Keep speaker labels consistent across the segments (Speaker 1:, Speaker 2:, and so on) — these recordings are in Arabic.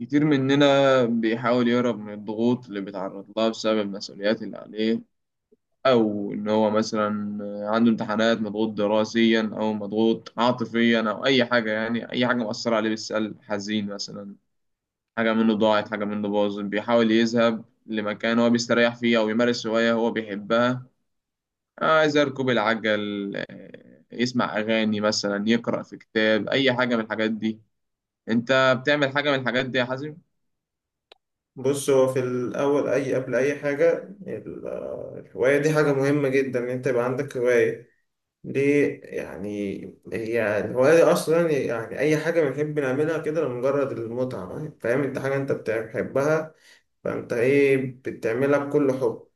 Speaker 1: كتير مننا بيحاول يهرب من الضغوط اللي بيتعرض لها بسبب المسؤوليات اللي عليه، أو إن هو مثلا عنده امتحانات، مضغوط دراسيا أو مضغوط عاطفيا أو أي حاجة، يعني أي حاجة مؤثرة عليه بالسلب، حزين مثلا، حاجة منه ضاعت، حاجة منه باظت، بيحاول يذهب لمكان هو بيستريح فيه أو يمارس هواية هو بيحبها. عايز يركب العجل، يسمع أغاني مثلا، يقرأ في كتاب، أي حاجة من الحاجات دي. أنت بتعمل حاجة من الحاجات دي يا حازم؟
Speaker 2: بص هو في الأول أي قبل أي حاجة. ال- الهواية دي حاجة مهمة جدا إن أنت يبقى عندك هواية. ليه يعني؟ هي الهواية دي أصلا يعني أي حاجة بنحب نعملها كده لمجرد المتعة، فاهم؟ أنت حاجة أنت بتحبها، فأنت إيه، بتعملها بكل حب.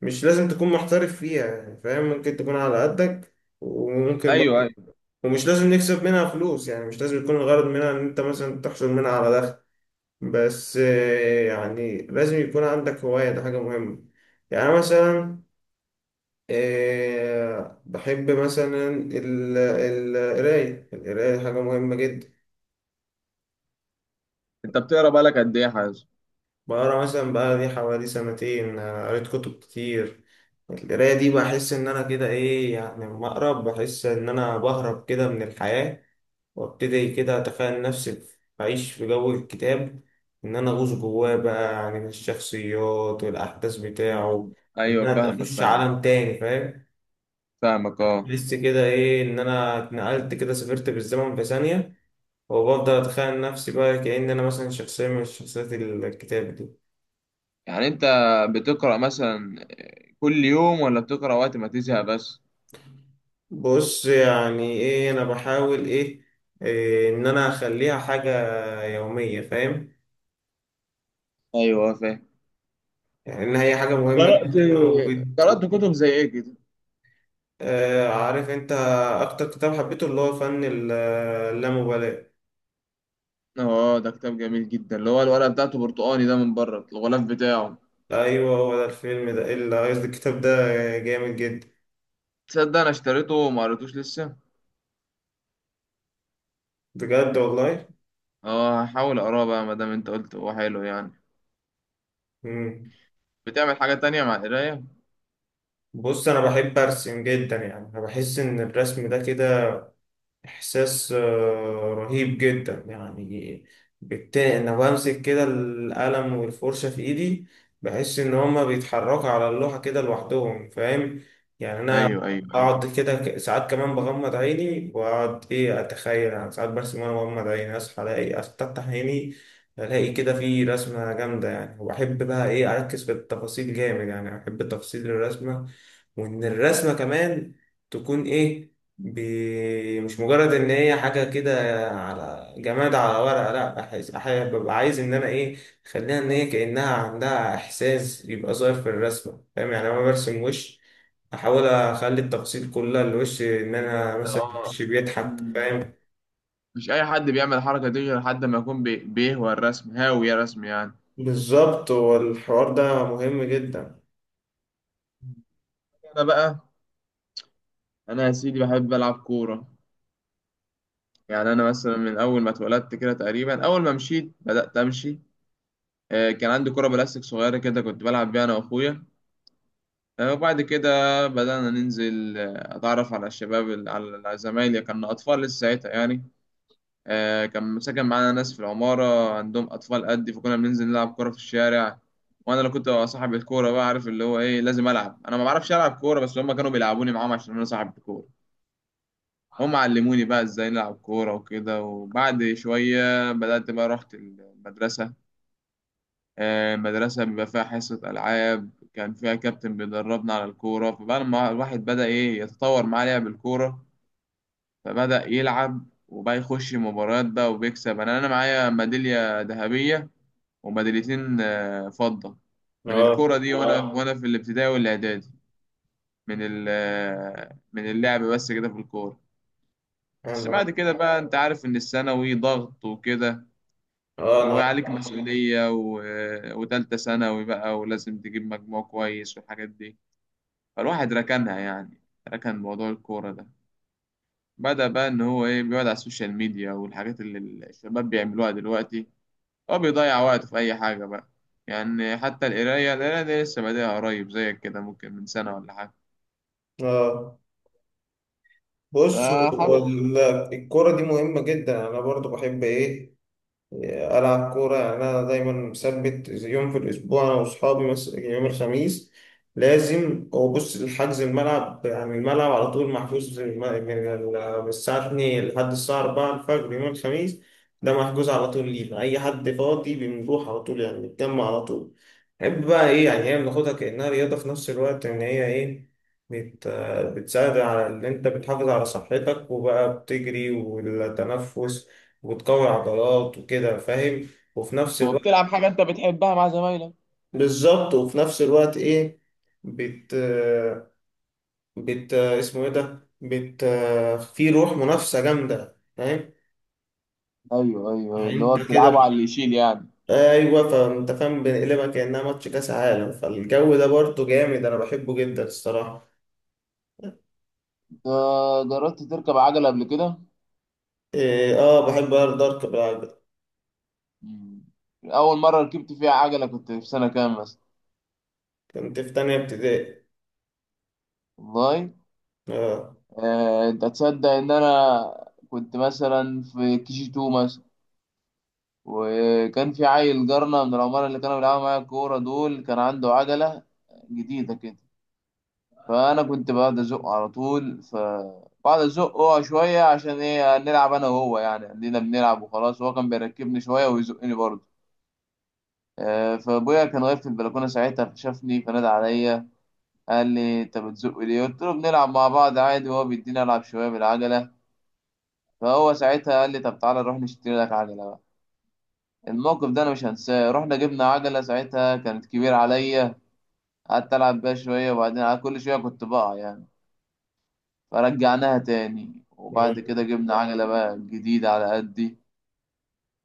Speaker 2: مش لازم تكون محترف فيها يعني، فاهم؟ ممكن تكون على قدك وممكن
Speaker 1: ايوه.
Speaker 2: بقى، ومش لازم نكسب منها فلوس، يعني مش لازم يكون الغرض منها إن أنت مثلا تحصل منها على دخل. بس يعني لازم يكون عندك هواية، ده حاجة مهمة. يعني أنا مثلا بحب مثلا القراية دي حاجة مهمة جدا.
Speaker 1: انت بتقرا بقالك قد ايه يا حازم؟
Speaker 2: بقرا مثلا بقى لي حوالي سنتين، قريت كتب كتير. القراية دي بحس إن أنا كده إيه، يعني لما أقرأ بحس إن أنا بهرب كده من الحياة، وأبتدي كده أتخيل نفسي بعيش في جو الكتاب، إن أنا أغوص جواه بقى، يعني الشخصيات والأحداث بتاعه،
Speaker 1: مم.
Speaker 2: إن
Speaker 1: ايوه،
Speaker 2: أنا
Speaker 1: فاهمك
Speaker 2: أخش
Speaker 1: فاهمك
Speaker 2: عالم تاني، فاهم؟
Speaker 1: فاهمك اه.
Speaker 2: بحس كده إيه، إن أنا اتنقلت كده، سافرت بالزمن في ثانية، وبفضل أتخيل نفسي بقى كأن أنا مثلا شخصية من شخصيات الكتاب دي.
Speaker 1: يعني انت بتقرا مثلا كل يوم ولا بتقرا وقت ما تزهق بس؟
Speaker 2: بص يعني ايه، انا بحاول ايه، إيه ان انا اخليها حاجة يومية، فاهم؟
Speaker 1: ايوه فاهم.
Speaker 2: يعني ان هي حاجة مهمة
Speaker 1: قرأت
Speaker 2: جدا وبت...
Speaker 1: قرأت كتب زي ايه كده؟
Speaker 2: آه، عارف انت اكتر كتاب حبيته؟ اللي هو فن اللامبالاة.
Speaker 1: اه، ده كتاب جميل جدا، اللي هو الورقة بتاعته برتقاني ده من بره، الغلاف بتاعه.
Speaker 2: ايوه هو ده الفيلم ده اللي قصدي الكتاب ده جامد جدا.
Speaker 1: تصدق انا اشتريته وما قريتوش لسه.
Speaker 2: بجد والله.
Speaker 1: اه، هحاول اقراه بقى ما دام انت قلت هو حلو يعني.
Speaker 2: مم.
Speaker 1: بتعمل حاجة تانية مع القراية؟
Speaker 2: بص انا بحب ارسم جدا، يعني انا بحس ان الرسم ده كده إحساس رهيب جدا يعني. بالتالي أنا بمسك كده القلم والفرشة في إيدي، بحس إن هما بيتحركوا على اللوحة كده لوحدهم، فاهم؟ يعني أنا
Speaker 1: ايوه.
Speaker 2: بقعد كده ساعات، كمان بغمض عيني وأقعد إيه أتخيل، يعني ساعات برسم وأنا بغمض عيني، أصحى ألاقي، أفتح عيني ألاقي كده في رسمة جامدة يعني. وبحب بقى إيه أركز في التفاصيل جامد، يعني بحب تفاصيل الرسمة، وإن الرسمة كمان تكون إيه ب... مش مجرد ان هي حاجه كده على جماد على ورقه، لا أحس... ببقى عايز ان انا ايه، اخليها ان هي كانها عندها احساس يبقى ظاهر في الرسمه، فاهم؟ يعني انا برسم وش، احاول اخلي التفاصيل كلها الوش ان انا مثلا وش بيضحك،
Speaker 1: اه.
Speaker 2: فاهم؟
Speaker 1: مش اي حد بيعمل الحركه دي غير حد ما يكون بيهوى الرسم، هاوي يا رسم يعني.
Speaker 2: بالظبط، والحوار ده مهم جدا.
Speaker 1: انا بقى، انا يا سيدي بحب العب كوره. يعني انا مثلا من اول ما اتولدت كده، تقريبا اول ما مشيت بدات امشي، كان عندي كوره بلاستيك صغيره كده، كنت بلعب بيها انا واخويا. وبعد كده بدانا ننزل، اتعرف على الشباب على زمايلي، كنا اطفال لسه ساعتها يعني. كان ساكن معانا ناس في العمارة عندهم أطفال قدي، فكنا بننزل نلعب كورة في الشارع. وأنا اللي كنت ببقى صاحب الكورة بقى، عارف اللي هو إيه، لازم ألعب أنا. ما بعرفش ألعب كورة، بس هما كانوا بيلعبوني معاهم عشان أنا صاحب الكورة. هم علموني بقى إزاي نلعب كورة وكده، وبعد شوية بدأت بقى رحت المدرسة. المدرسة بيبقى فيها حصة ألعاب، كان فيها كابتن بيدربنا على الكورة، فبقى لما الواحد بدأ إيه، يتطور معاه لعب الكورة. فبدأ يلعب وبقى يخش مباريات بقى وبيكسب. انا معايا ميدالية ذهبية وميداليتين فضة من الكورة
Speaker 2: اه
Speaker 1: دي وانا، واو وانا في الابتدائي والاعدادي، من ال- آه، من اللعب بس كده في الكورة. بس
Speaker 2: انا
Speaker 1: بعد كده بقى انت عارف ان الثانوي ضغط وكده،
Speaker 2: اه انا عارف.
Speaker 1: وعليك مسؤولية و... آه، وتالتة ثانوي بقى، ولازم تجيب مجموع كويس والحاجات دي. فالواحد ركنها يعني، ركن موضوع الكورة ده. بدأ بقى إن هو إيه، بيقعد على السوشيال ميديا والحاجات اللي الشباب بيعملوها دلوقتي. هو بيضيع وقته في أي حاجة بقى. يعني حتى القراية دي لسه بادئها قريب زيك كده، ممكن من سنة ولا حاجة.
Speaker 2: اه بص
Speaker 1: فحاول.
Speaker 2: الكرة دي مهمة جدا، أنا برضو بحب إيه ألعب كورة. يعني أنا دايما مثبت زي يوم في الأسبوع أنا وأصحابي، مثلا يوم الخميس لازم. هو بص الحجز الملعب، يعني الملعب على طول محجوز من الساعة 2 لحد الساعة 4 الفجر يوم الخميس، ده محجوز على طول لينا. أي حد فاضي بنروح على طول، يعني نتجمع على طول. نحب بقى إيه، يعني هي بناخدها كأنها رياضة في نفس الوقت، إن هي إيه بت... بتساعد على إن أنت بتحافظ على صحتك، وبقى بتجري والتنفس وتقوي عضلات وكده، فاهم؟ وفي نفس الوقت
Speaker 1: وبتلعب حاجة أنت بتحبها مع زمايلك.
Speaker 2: بالظبط. وفي نفس الوقت ايه بت، بت، اسمه ايه ده، بت في روح منافسة جامدة، فاهم؟
Speaker 1: أيوه،
Speaker 2: يعني
Speaker 1: اللي هو
Speaker 2: انت كده
Speaker 1: بتلعبه على اللي يشيل يعني.
Speaker 2: ايوه، فانت فاهم، بنقلبها كأنها ماتش كاس عالم، فالجو ده برضه جامد، انا بحبه جدا الصراحة.
Speaker 1: جربت تركب عجلة قبل كده؟
Speaker 2: إيه اه، بحب ارض دارك بقى.
Speaker 1: مم. أول مرة ركبت فيها عجلة كنت في سنة كام مثلا؟
Speaker 2: كنت في تانية ابتدائي.
Speaker 1: والله أنت تصدق إن أنا كنت مثلا في كي جي 2، وكان في عيل جارنا من العمارة اللي كانوا بيلعبوا معايا الكورة دول، كان عنده عجلة جديدة كده. فأنا كنت بقعد أزقه على طول، فبقعد أزقه شوية عشان إيه، نلعب أنا وهو يعني، عندنا بنلعب وخلاص، وهو كان بيركبني شوية ويزقني برضه. فأبويا كان واقف في البلكونة ساعتها فشافني فنادى عليا. قال لي أنت بتزق ليه؟ قلت له بنلعب مع بعض عادي، وهو بيديني ألعب شوية بالعجلة. فهو ساعتها قال لي طب تعالى نروح نشتري لك عجلة. الموقف ده انا مش هنساه. رحنا جبنا عجله، ساعتها كانت كبيره عليا، قعدت العب بيها شويه وبعدين كل شويه كنت بقع يعني، فرجعناها تاني،
Speaker 2: اه
Speaker 1: وبعد كده جبنا عجله بقى جديده على قدي.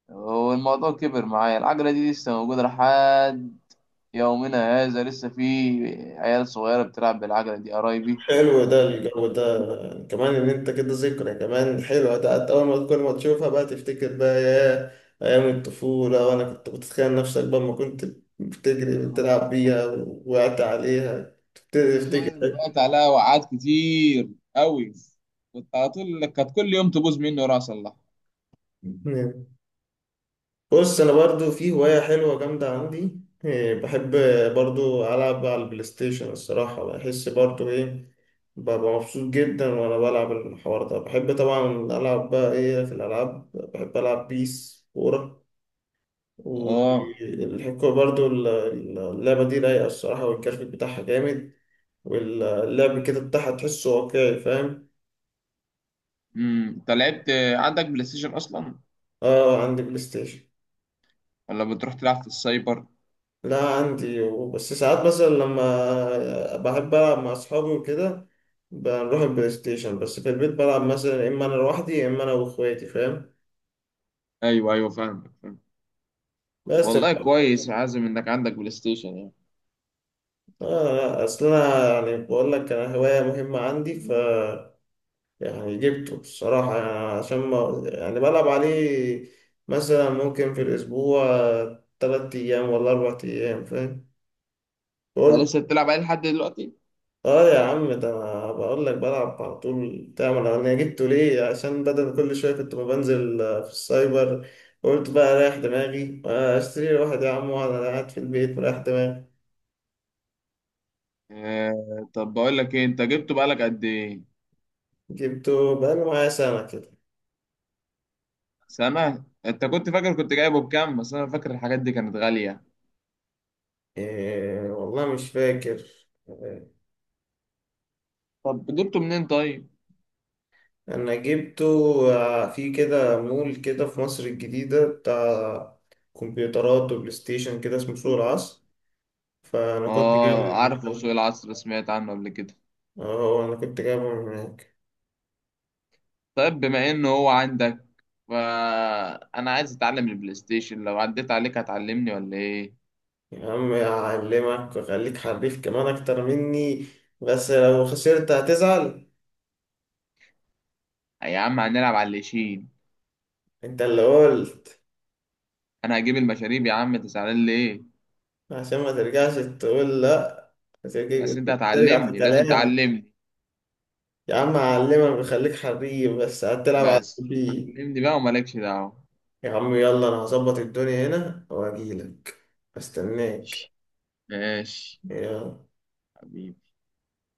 Speaker 1: والموضوع كبر معايا، العجله دي لسه موجوده لحد يومنا هذا، لسه في عيال صغيره بتلعب بالعجله دي، قرايبي.
Speaker 2: حلو، ده الجو ده كمان، ان انت كده ذكرى كمان حلوة، ده حتى اول ما كل ما تشوفها بقى تفتكر بقى يا ايام الطفولة، وانا كنت بتخيل نفسك بقى ما كنت بتجري بتلعب بيها، وقعت عليها تبتدي
Speaker 1: فعلا
Speaker 2: تفتكر.
Speaker 1: وقعت عليها وقعات كتير قوي، كنت على طول، كانت كل يوم تبوظ مني وراح اصلحها.
Speaker 2: بص انا برضو في هواية حلوة جامدة عندي، إيه، بحب برضو العب على البلاي ستيشن الصراحة. بحس برضو ايه، ببقى مبسوط جدا وانا بلعب. الحوار ده بحب طبعا العب بقى ايه في الالعاب، بحب العب بيس كورة
Speaker 1: اه.
Speaker 2: والحكومة. برضو اللعبة دي رايقة الصراحة، والجرافيك بتاعها جامد، واللعب كده بتاعها تحسه واقعي، فاهم؟
Speaker 1: امم، انت لعبت، عندك بلاي ستيشن اصلا
Speaker 2: اه عندي بلاي ستيشن.
Speaker 1: ولا بتروح تلعب في السايبر؟
Speaker 2: لا عندي، بس ساعات مثلا لما بحب ألعب مع أصحابي وكده بنروح البلاي ستيشن. بس في البيت بلعب مثلا يا إما أنا لوحدي يا إما أنا وإخواتي، فاهم؟
Speaker 1: ايوه، فاهمك فاهم.
Speaker 2: بس آه.
Speaker 1: والله كويس يا عازم انك عندك بلاي ستيشن يعني.
Speaker 2: لا، أصل أنا يعني بقول لك أنا هواية مهمة عندي، ف يعني جبته الصراحة، يعني عشان ما يعني بلعب عليه مثلا ممكن في الأسبوع تلات أيام ولا أربع أيام، فاهم؟
Speaker 1: انت
Speaker 2: قلت
Speaker 1: لسه بتلعب عليه لحد دلوقتي؟
Speaker 2: يا عم، ده أنا بقول لك بلعب على طول. تعمل أنا جبته ليه؟ عشان بدل كل شوية كنت ما بنزل في السايبر، قلت بقى رايح دماغي، اشتري لي واحد يا عم، وانا قاعد في البيت مريح دماغي.
Speaker 1: آه طب بقول لك ايه، انت جبته بقالك قد ايه؟
Speaker 2: جبته بقاله معايا سنة كده.
Speaker 1: سنة. انت كنت فاكر كنت جايبه بكام؟ بس انا فاكر الحاجات دي كانت غالية.
Speaker 2: إيه والله مش فاكر.
Speaker 1: طب جبته منين طيب؟
Speaker 2: انا جبته في كده مول كده في مصر الجديدة بتاع كمبيوترات وبلاي ستيشن كده، اسمه سوق العصر، فانا كنت جايبه
Speaker 1: اه،
Speaker 2: من
Speaker 1: عارفه سوق
Speaker 2: هناك.
Speaker 1: العصر، سمعت عنه قبل كده.
Speaker 2: اه انا كنت جايبه من هناك.
Speaker 1: طيب بما انه هو عندك، فانا عايز اتعلم البلاي ستيشن، لو عديت عليك هتعلمني ولا ايه؟
Speaker 2: يا عم اعلمك واخليك حريف كمان اكتر مني، بس لو خسرت هتزعل.
Speaker 1: يا عم هنلعب على اللي يشيل.
Speaker 2: انت اللي قلت.
Speaker 1: انا هجيب المشاريب يا عم، تزعلان ليه؟
Speaker 2: عشان ما ترجعش تقول لا، هترجع
Speaker 1: بس انت
Speaker 2: ترجع في
Speaker 1: هتعلمني، لازم
Speaker 2: كلامك.
Speaker 1: تعلمني.
Speaker 2: يا عم اعلمك واخليك حريف، بس هتلعب على
Speaker 1: بس
Speaker 2: البيت.
Speaker 1: علمني بقى ومالكش دعوة.
Speaker 2: يا عم يلا، انا هظبط الدنيا هنا واجيلك، استناك.
Speaker 1: ماشي ماشي.
Speaker 2: يلا.
Speaker 1: حبيبي.